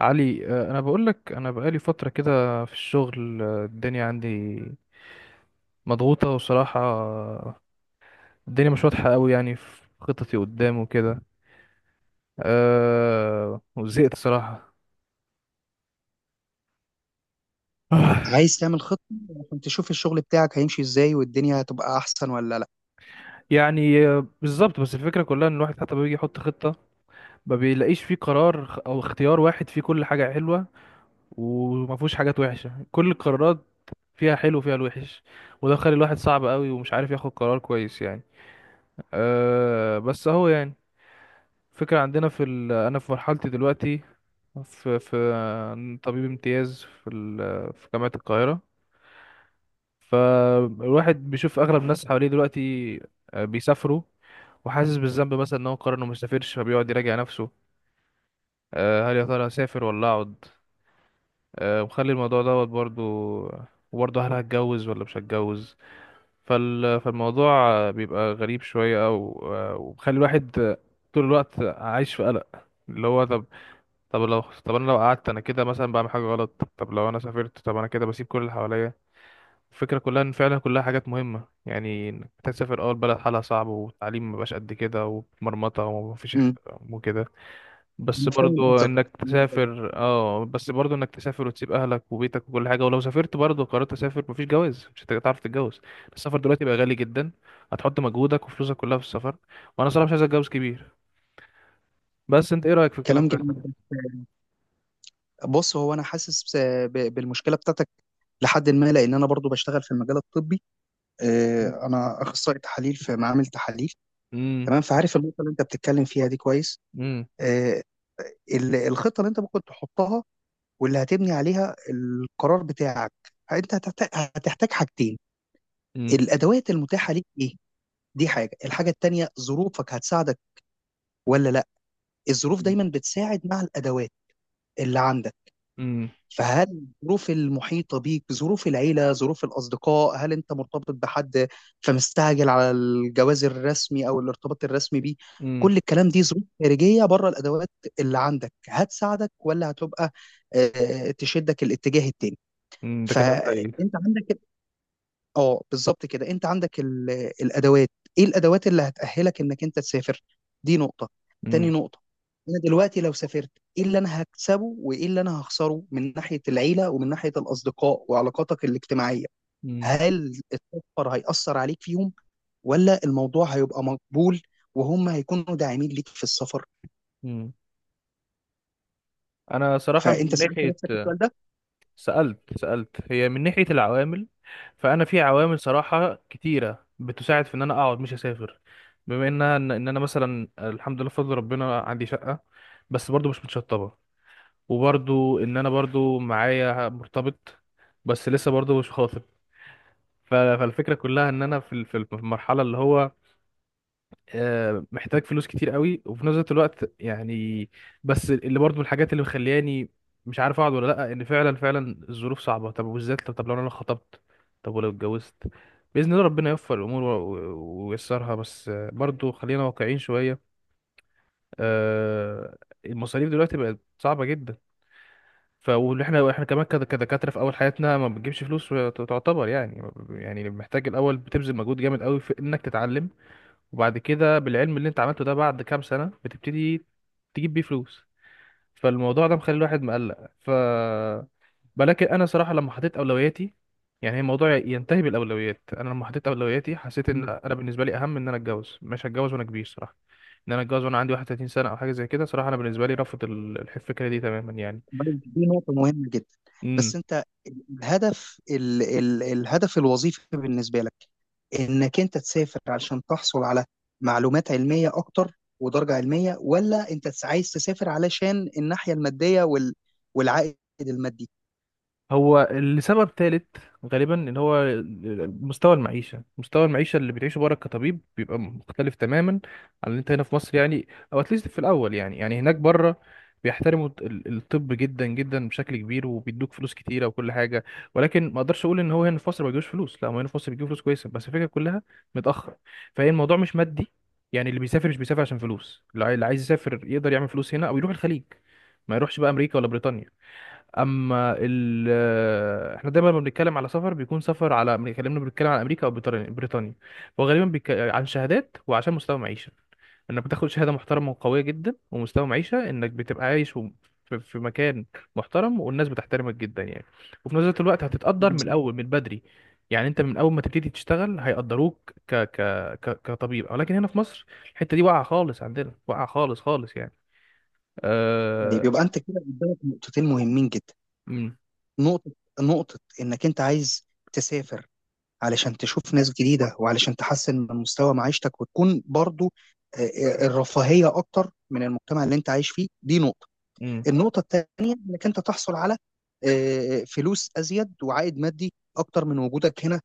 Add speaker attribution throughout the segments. Speaker 1: علي، انا بقول لك انا بقالي فتره كده في الشغل، الدنيا عندي مضغوطه وصراحه الدنيا مش واضحه قوي يعني في خططي قدام وكده. وزهقت صراحه.
Speaker 2: عايز تعمل خطة عشان تشوف الشغل بتاعك هيمشي ازاي والدنيا هتبقى احسن ولا لا؟
Speaker 1: يعني بالظبط. بس الفكره كلها ان الواحد حتى بيجي يحط خطه ما بيلاقيش فيه قرار او اختيار واحد فيه كل حاجه حلوه وما فيهوش حاجات وحشه، كل القرارات فيها حلو وفيها الوحش، وده خلي الواحد صعب قوي ومش عارف ياخد قرار كويس يعني. بس اهو يعني فكرة. عندنا في أنا في مرحلتي دلوقتي في طبيب امتياز في في جامعة القاهرة. فالواحد بيشوف أغلب الناس حواليه دلوقتي بيسافروا، وحاسس بالذنب مثلا إن هو قرر إنه ما يسافرش فبيقعد يراجع نفسه. هل يا ترى أسافر ولا أقعد؟ ومخلي الموضوع دوت برضو، وبرضه هل هتجوز ولا مش هتجوز؟ فالموضوع بيبقى غريب شوية، أو ومخلي الواحد طول الوقت عايش في قلق، اللي هو طب، طب لو طب انا لو قعدت انا كده مثلا بعمل حاجه غلط، طب لو انا سافرت طب انا كده بسيب كل اللي حواليا. الفكره كلها ان فعلا كلها حاجات مهمه، يعني انك تسافر اول بلد حالها صعب والتعليم مبقاش قد كده ومرمطه ومفيش
Speaker 2: امم.
Speaker 1: احترام وكده، بس
Speaker 2: انا فاهم
Speaker 1: برضو
Speaker 2: قصدك في النقطة دي.
Speaker 1: انك تسافر وتسيب اهلك وبيتك وكل حاجه، ولو سافرت برضو قررت اسافر مفيش جواز مش هتعرف تتجوز. السفر دلوقتي بقى غالي جدا، هتحط مجهودك وفلوسك كلها في السفر، وانا صراحه مش عايز اتجوز كبير. بس انت ايه رايك في الكلام
Speaker 2: كلام
Speaker 1: ده؟
Speaker 2: جميل بس. بص، هو انا حاسس بالمشكله بتاعتك لحد ما، لان انا برضو بشتغل في المجال الطبي. انا اخصائي تحاليل في معامل تحاليل.
Speaker 1: امم.
Speaker 2: تمام، فعارف النقطه اللي انت بتتكلم فيها دي كويس.
Speaker 1: امم.
Speaker 2: آه، الخطه اللي انت ممكن تحطها واللي هتبني عليها القرار بتاعك، انت هتحتاج حاجتين. الادوات المتاحه ليك ايه؟ دي حاجة. الحاجة التانية، ظروفك هتساعدك ولا لا. الظروف
Speaker 1: مم.
Speaker 2: دايما بتساعد مع الأدوات اللي عندك.
Speaker 1: مم.
Speaker 2: فهل الظروف المحيطة بيك، ظروف العيلة، ظروف الأصدقاء، هل أنت مرتبط بحد فمستعجل على الجواز الرسمي أو الارتباط الرسمي بيه؟
Speaker 1: مم.
Speaker 2: كل الكلام دي ظروف خارجية بره الأدوات. اللي عندك هتساعدك ولا هتبقى تشدك الاتجاه التاني.
Speaker 1: مم. ده كلام حقيقي.
Speaker 2: فأنت عندك، اه، بالظبط كده. انت عندك الادوات. ايه الادوات اللي هتأهلك انك انت تسافر؟ دي نقطة. تاني
Speaker 1: مم.
Speaker 2: نقطة، انا دلوقتي لو سافرت ايه اللي انا هكسبه وايه اللي انا هخسره من ناحية العيلة ومن ناحية الاصدقاء وعلاقاتك الاجتماعية؟
Speaker 1: مم.
Speaker 2: هل السفر هيأثر عليك فيهم ولا الموضوع هيبقى مقبول وهم هيكونوا داعمين ليك في السفر؟
Speaker 1: مم. انا صراحة
Speaker 2: فانت
Speaker 1: من
Speaker 2: سألت
Speaker 1: ناحية،
Speaker 2: نفسك السؤال ده؟
Speaker 1: سألت هي من ناحية العوامل، فانا في عوامل صراحة كتيرة بتساعد في ان انا اقعد مش اسافر، بما انها إن انا مثلا الحمد لله بفضل ربنا عندي شقة بس برضو مش متشطبة، وبرضو ان انا برضو معايا مرتبط بس لسه برضو مش خاطب. فالفكرة كلها ان انا في في المرحلة اللي هو محتاج فلوس كتير قوي وفي نفس الوقت يعني. بس اللي برضو من الحاجات اللي مخلياني مش عارف اقعد ولا لا ان فعلا فعلا الظروف صعبه، طب وبالذات لو انا خطبت، طب ولو اتجوزت باذن الله ربنا يوفق الامور و- و- وييسرها، بس برضو خلينا واقعيين شويه. آه، المصاريف دلوقتي بقت صعبه جدا، واللي احنا كمان كدكاتره في اول حياتنا ما بتجيبش فلوس، تعتبر يعني محتاج الاول بتبذل مجهود جامد قوي في انك تتعلم وبعد كده بالعلم اللي انت عملته ده بعد كام سنة بتبتدي تجيب بيه فلوس. فالموضوع ده مخلي الواحد مقلق. ولكن انا صراحة لما حطيت اولوياتي، يعني هي الموضوع ينتهي بالاولويات، انا لما حطيت اولوياتي حسيت ان انا بالنسبة لي اهم ان انا اتجوز مش هتجوز وانا كبير صراحة، ان انا اتجوز وانا عندي 31 سنة او حاجة زي كده صراحة انا بالنسبة لي رفض الفكرة دي تماما يعني.
Speaker 2: طيب، دي نقطة مهمة جدا.
Speaker 1: مم.
Speaker 2: بس انت، الهدف ال ال الهدف الوظيفي بالنسبة لك، انك انت تسافر علشان تحصل على معلومات علمية اكتر ودرجة علمية، ولا انت عايز تسافر علشان الناحية المادية والعائد المادي؟
Speaker 1: هو لسبب ثالث غالبا، اللي هو مستوى المعيشة، مستوى المعيشة اللي بتعيشه بره كطبيب بيبقى مختلف تماما عن اللي انت هنا في مصر يعني، او اتليست في الاول، يعني هناك بره بيحترموا الطب جدا جدا بشكل كبير وبيدوك فلوس كتيرة وكل حاجة. ولكن ما اقدرش اقول ان هو هنا في مصر ما بيجيبوش فلوس، لا هو هنا في مصر بيجيبوا فلوس كويسة، بس الفكرة كلها متأخر. فهي الموضوع مش مادي، يعني اللي بيسافر مش بيسافر عشان فلوس، اللي اللي عايز يسافر يقدر يعمل فلوس هنا او يروح الخليج، ما يروحش بقى امريكا ولا بريطانيا. اما احنا دايما لما بنتكلم على سفر بيكون سفر على بنتكلم على امريكا او بريطانيا، وغالبا عن شهادات وعشان مستوى معيشه، انك بتاخد شهاده محترمه وقويه جدا ومستوى معيشه انك بتبقى عايش في مكان محترم والناس بتحترمك جدا يعني. وفي نفس الوقت هتتقدر من
Speaker 2: بالظبط.
Speaker 1: الاول من بدري، يعني انت من اول ما تبتدي تشتغل هيقدروك كطبيب، ولكن هنا في مصر الحته دي واقعه خالص عندنا، واقعه خالص خالص يعني.
Speaker 2: طيب،
Speaker 1: أه...
Speaker 2: يبقى انت كده قدامك نقطتين مهمين جدا.
Speaker 1: امم.
Speaker 2: نقطة، انك انت عايز تسافر علشان تشوف ناس جديدة وعلشان تحسن من مستوى معيشتك وتكون برضو الرفاهية أكتر من المجتمع اللي أنت عايش فيه، دي نقطة.
Speaker 1: امم.
Speaker 2: النقطة الثانية، إنك أنت تحصل على فلوس أزيد وعائد مادي أكتر من وجودك هنا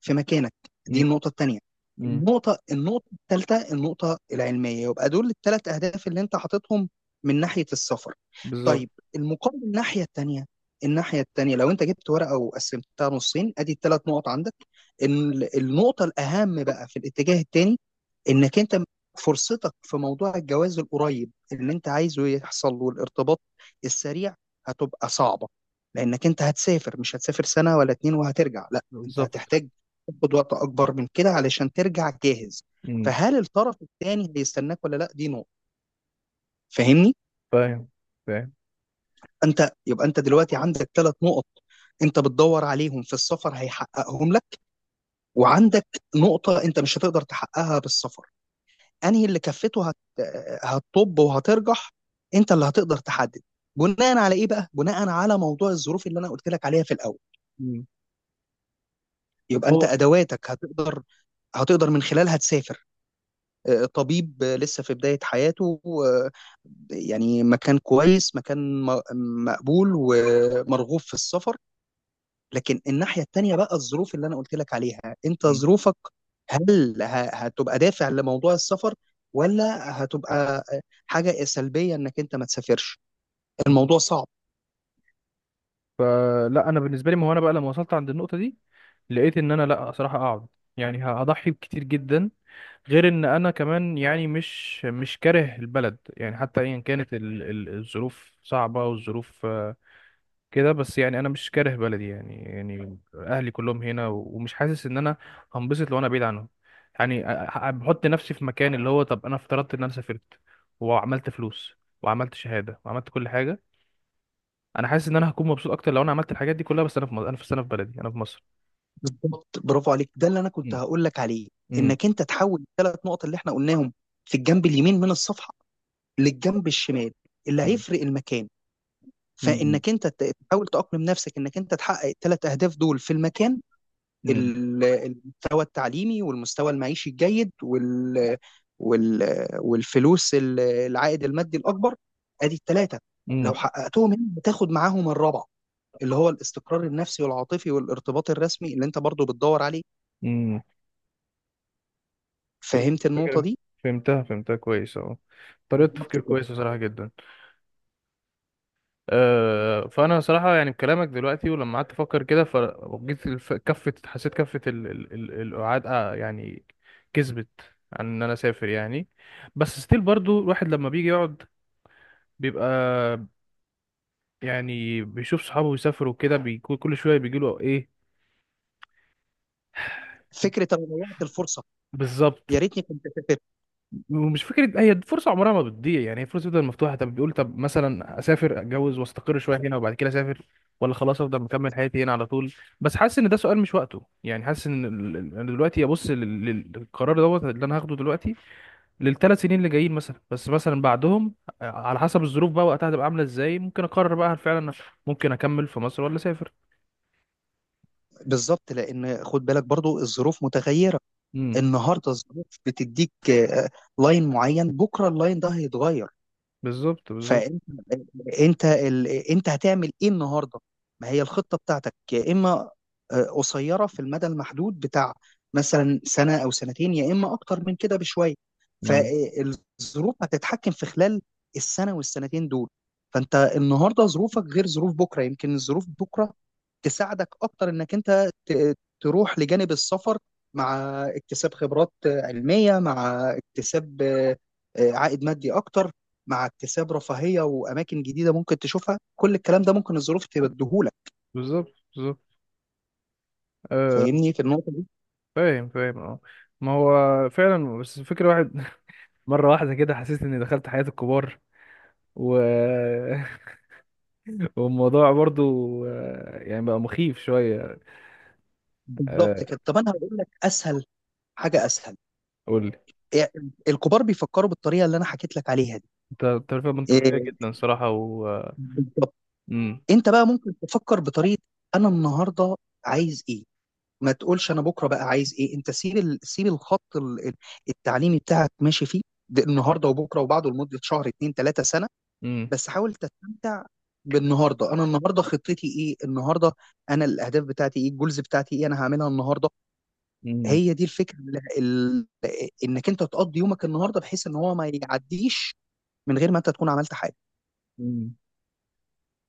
Speaker 2: في مكانك، دي النقطة التانية.
Speaker 1: امم.
Speaker 2: النقطة، التالتة، النقطة العلمية. يبقى دول الثلاث أهداف اللي أنت حاططهم من ناحية السفر.
Speaker 1: بالظبط
Speaker 2: طيب، المقابل الناحية التانية. الناحية التانية، لو أنت جبت ورقة وقسمتها نصين أدي الثلاث نقط عندك. النقطة الأهم بقى في الاتجاه التاني، انك انت فرصتك في موضوع الجواز القريب اللي انت عايزه يحصل له الارتباط السريع هتبقى صعبة. لانك انت هتسافر مش هتسافر سنة ولا اتنين وهترجع، لا. انت
Speaker 1: بالظبط.
Speaker 2: هتحتاج تاخد وقت اكبر من كده علشان ترجع جاهز.
Speaker 1: امم.
Speaker 2: فهل الطرف الثاني هيستناك ولا لا؟ دي نقطة. فاهمني؟
Speaker 1: فاهم فاهم.
Speaker 2: انت يبقى، انت دلوقتي عندك ثلاث نقط انت بتدور عليهم في السفر هيحققهم لك، وعندك نقطة انت مش هتقدر تحققها بالسفر. انهي اللي كفته هتطب وهترجح؟ انت اللي هتقدر تحدد، بناء على ايه بقى؟ بناء على موضوع الظروف اللي انا قلت لك عليها في الاول.
Speaker 1: مم.
Speaker 2: يبقى انت
Speaker 1: هو
Speaker 2: ادواتك هتقدر من خلالها تسافر، طبيب لسه في بداية حياته، آه، يعني مكان كويس، مكان مقبول ومرغوب في السفر. لكن الناحية التانية بقى، الظروف اللي أنا قلت لك عليها، أنت
Speaker 1: امم.
Speaker 2: ظروفك، هل هتبقى دافع لموضوع السفر ولا هتبقى حاجة سلبية إنك أنت ما تسافرش؟
Speaker 1: امم.
Speaker 2: الموضوع صعب.
Speaker 1: فلا انا بالنسبه لي، ما هو انا بقى لما وصلت عند النقطه دي لقيت ان انا لا صراحه اقعد، يعني هضحي بكتير جدا، غير ان انا كمان يعني مش كاره البلد يعني، حتى ايا كانت الظروف صعبه والظروف كده، بس يعني انا مش كاره بلدي يعني، اهلي كلهم هنا ومش حاسس ان انا هنبسط لو انا بعيد عنهم. يعني بحط نفسي في مكان اللي هو طب انا افترضت ان انا سافرت وعملت فلوس وعملت شهادة وعملت كل حاجة، انا حاسس ان انا هكون مبسوط اكتر لو انا عملت الحاجات دي كلها بس انا في مصر، انا في بلدي انا في مصر.
Speaker 2: بالظبط، برافو عليك. ده اللي أنا كنت
Speaker 1: مم.
Speaker 2: هقول لك عليه،
Speaker 1: مم.
Speaker 2: إنك أنت تحول الثلاث نقط اللي إحنا قلناهم في الجنب اليمين من الصفحة للجنب الشمال اللي
Speaker 1: مم.
Speaker 2: هيفرق المكان.
Speaker 1: مم.
Speaker 2: فإنك أنت تحاول تأقلم نفسك إنك أنت تحقق الثلاث أهداف دول في المكان.
Speaker 1: مم.
Speaker 2: المستوى التعليمي والمستوى المعيشي الجيد وال والفلوس، العائد المادي الاكبر. ادي الثلاثه لو
Speaker 1: مم.
Speaker 2: حققتهم هنا بتاخد معاهم الرابع، اللي هو الاستقرار النفسي والعاطفي والارتباط الرسمي اللي انت برضو بتدور عليه.
Speaker 1: مم. فهمت
Speaker 2: فهمت النقطه
Speaker 1: الفكرة؟
Speaker 2: دي؟
Speaker 1: فهمتها فهمتها كويس اهو، طريقة
Speaker 2: بالظبط
Speaker 1: تفكير
Speaker 2: كده.
Speaker 1: كويسة بصراحة جدا. فانا صراحه يعني بكلامك دلوقتي ولما قعدت افكر كده فجيت كفه، حسيت كفه القعاد يعني كسبت عن ان انا اسافر يعني. بس ستيل برضو الواحد لما بيجي يقعد بيبقى يعني بيشوف صحابه يسافروا كده بيكون كل شويه بيجيله ايه.
Speaker 2: فكره انا ضيعت الفرصه،
Speaker 1: بالظبط.
Speaker 2: يا ريتني كنت سافرت.
Speaker 1: ومش فكره، هي فرصه عمرها ما بتضيع يعني، هي فرصه بتفضل مفتوحه، طب بيقول طب مثلا اسافر اتجوز واستقر شويه هنا وبعد كده اسافر، ولا خلاص افضل مكمل حياتي هنا على طول. بس حاسس ان ده سؤال مش وقته يعني، حاسس ان انا دلوقتي ابص للقرار دوت اللي انا هاخده دلوقتي للثلاث سنين اللي جايين مثلا، بس مثلا بعدهم على حسب الظروف بقى وقتها هتبقى عامله ازاي ممكن اقرر بقى هل فعلا ممكن اكمل في مصر ولا اسافر.
Speaker 2: بالظبط، لان خد بالك برضو الظروف متغيره.
Speaker 1: امم.
Speaker 2: النهارده الظروف بتديك لاين معين، بكره اللاين ده هيتغير.
Speaker 1: بالظبط بالظبط.
Speaker 2: فانت انت هتعمل ايه النهارده؟ ما هي الخطه بتاعتك، يا اما قصيره في المدى المحدود بتاع مثلا سنه او سنتين، يا اما اكتر من كده بشويه.
Speaker 1: مم.
Speaker 2: فالظروف هتتحكم في خلال السنه والسنتين دول. فانت النهارده ظروفك غير ظروف بكره. يمكن الظروف بكره تساعدك اكتر انك انت تروح لجانب السفر مع اكتساب خبرات علميه، مع اكتساب عائد مادي اكتر، مع اكتساب رفاهيه واماكن جديده ممكن تشوفها. كل الكلام ده ممكن الظروف تبديهولك.
Speaker 1: بالظبط بالظبط. آه.
Speaker 2: فاهمني في النقطه دي؟
Speaker 1: فاهم فاهم اه. ما هو فعلا، بس الفكرة واحد، مرة واحدة كده حسيت إني دخلت حياة الكبار و... والموضوع برضو يعني بقى مخيف شوية. آه،
Speaker 2: بالظبط كده. طب انا هقول لك اسهل حاجه، اسهل
Speaker 1: قول لي.
Speaker 2: إيه، الكبار بيفكروا بالطريقه اللي انا حكيت لك عليها دي،
Speaker 1: أنت ترفيه منطقية
Speaker 2: إيه،
Speaker 1: جدا صراحة و آه،
Speaker 2: بالظبط.
Speaker 1: مم.
Speaker 2: انت بقى ممكن تفكر بطريقه، انا النهارده عايز ايه؟ ما تقولش انا بكره بقى عايز ايه. انت سيب سيب الخط التعليمي بتاعك ماشي فيه ده، النهارده وبكره وبعده لمده شهر اتنين تلاته سنه.
Speaker 1: مم.
Speaker 2: بس حاول تستمتع بالنهارده. انا النهارده خطتي ايه؟ النهارده انا الاهداف بتاعتي ايه؟ الجولز بتاعتي ايه؟ انا هعملها النهارده.
Speaker 1: مم.
Speaker 2: هي دي الفكره، انك انت تقضي يومك النهارده بحيث ان هو ما يعديش من غير ما انت تكون عملت حاجه.
Speaker 1: مم.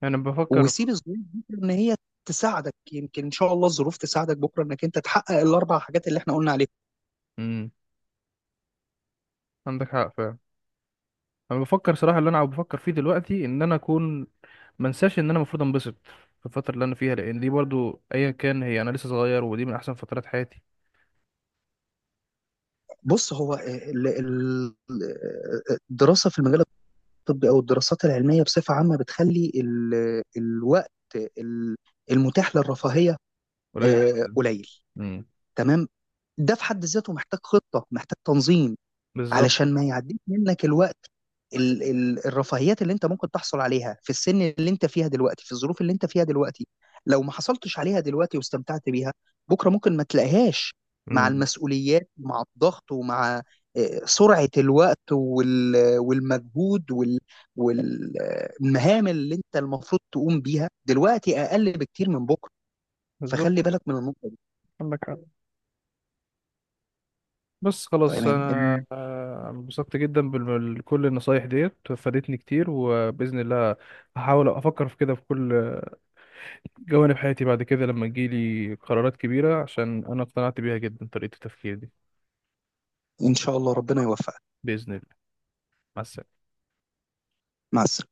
Speaker 1: أنا بفكر.
Speaker 2: وسيب الظروف دي ان هي تساعدك. يمكن ان شاء الله الظروف تساعدك بكره انك انت تحقق الاربع حاجات اللي احنا قلنا عليها.
Speaker 1: مم. عندك حق فعلا. أنا بفكر صراحة، اللي أنا بفكر فيه دلوقتي إن أنا أكون منساش إن أنا المفروض أنبسط في الفترة اللي أنا فيها، لأن دي برضو أيا كان هي أنا لسه صغير ودي من أحسن فترات حياتي.
Speaker 2: بص، هو الدراسه في المجال الطب او الدراسات العلميه بصفه عامه بتخلي الوقت ال- المتاح للرفاهيه
Speaker 1: قليل جدا.
Speaker 2: قليل.
Speaker 1: مم.
Speaker 2: تمام. ده في حد ذاته محتاج خطه، محتاج تنظيم،
Speaker 1: بالظبط.
Speaker 2: علشان ما يعديش منك الوقت. ال ال الرفاهيات اللي انت ممكن تحصل عليها في السن اللي انت فيها دلوقتي، في الظروف اللي انت فيها دلوقتي، لو ما حصلتش عليها دلوقتي واستمتعت بيها، بكره ممكن ما تلاقيهاش. مع
Speaker 1: مم.
Speaker 2: المسؤوليات، مع الضغط، ومع سرعة الوقت والمجهود والمهام اللي انت المفروض تقوم بيها دلوقتي اقل بكتير من بكره.
Speaker 1: بالظبط
Speaker 2: فخلي بالك من النقطة دي.
Speaker 1: عندك حق. بس خلاص
Speaker 2: تمام.
Speaker 1: انا انبسطت جدا بكل النصايح ديت، فادتني كتير وباذن الله هحاول افكر في كده في كل جوانب حياتي بعد كده لما تجيلي قرارات كبيره، عشان انا اقتنعت بيها جدا طريقه التفكير دي.
Speaker 2: ان شاء الله ربنا يوفقك.
Speaker 1: باذن الله. مع السلامه.
Speaker 2: مع السلامة.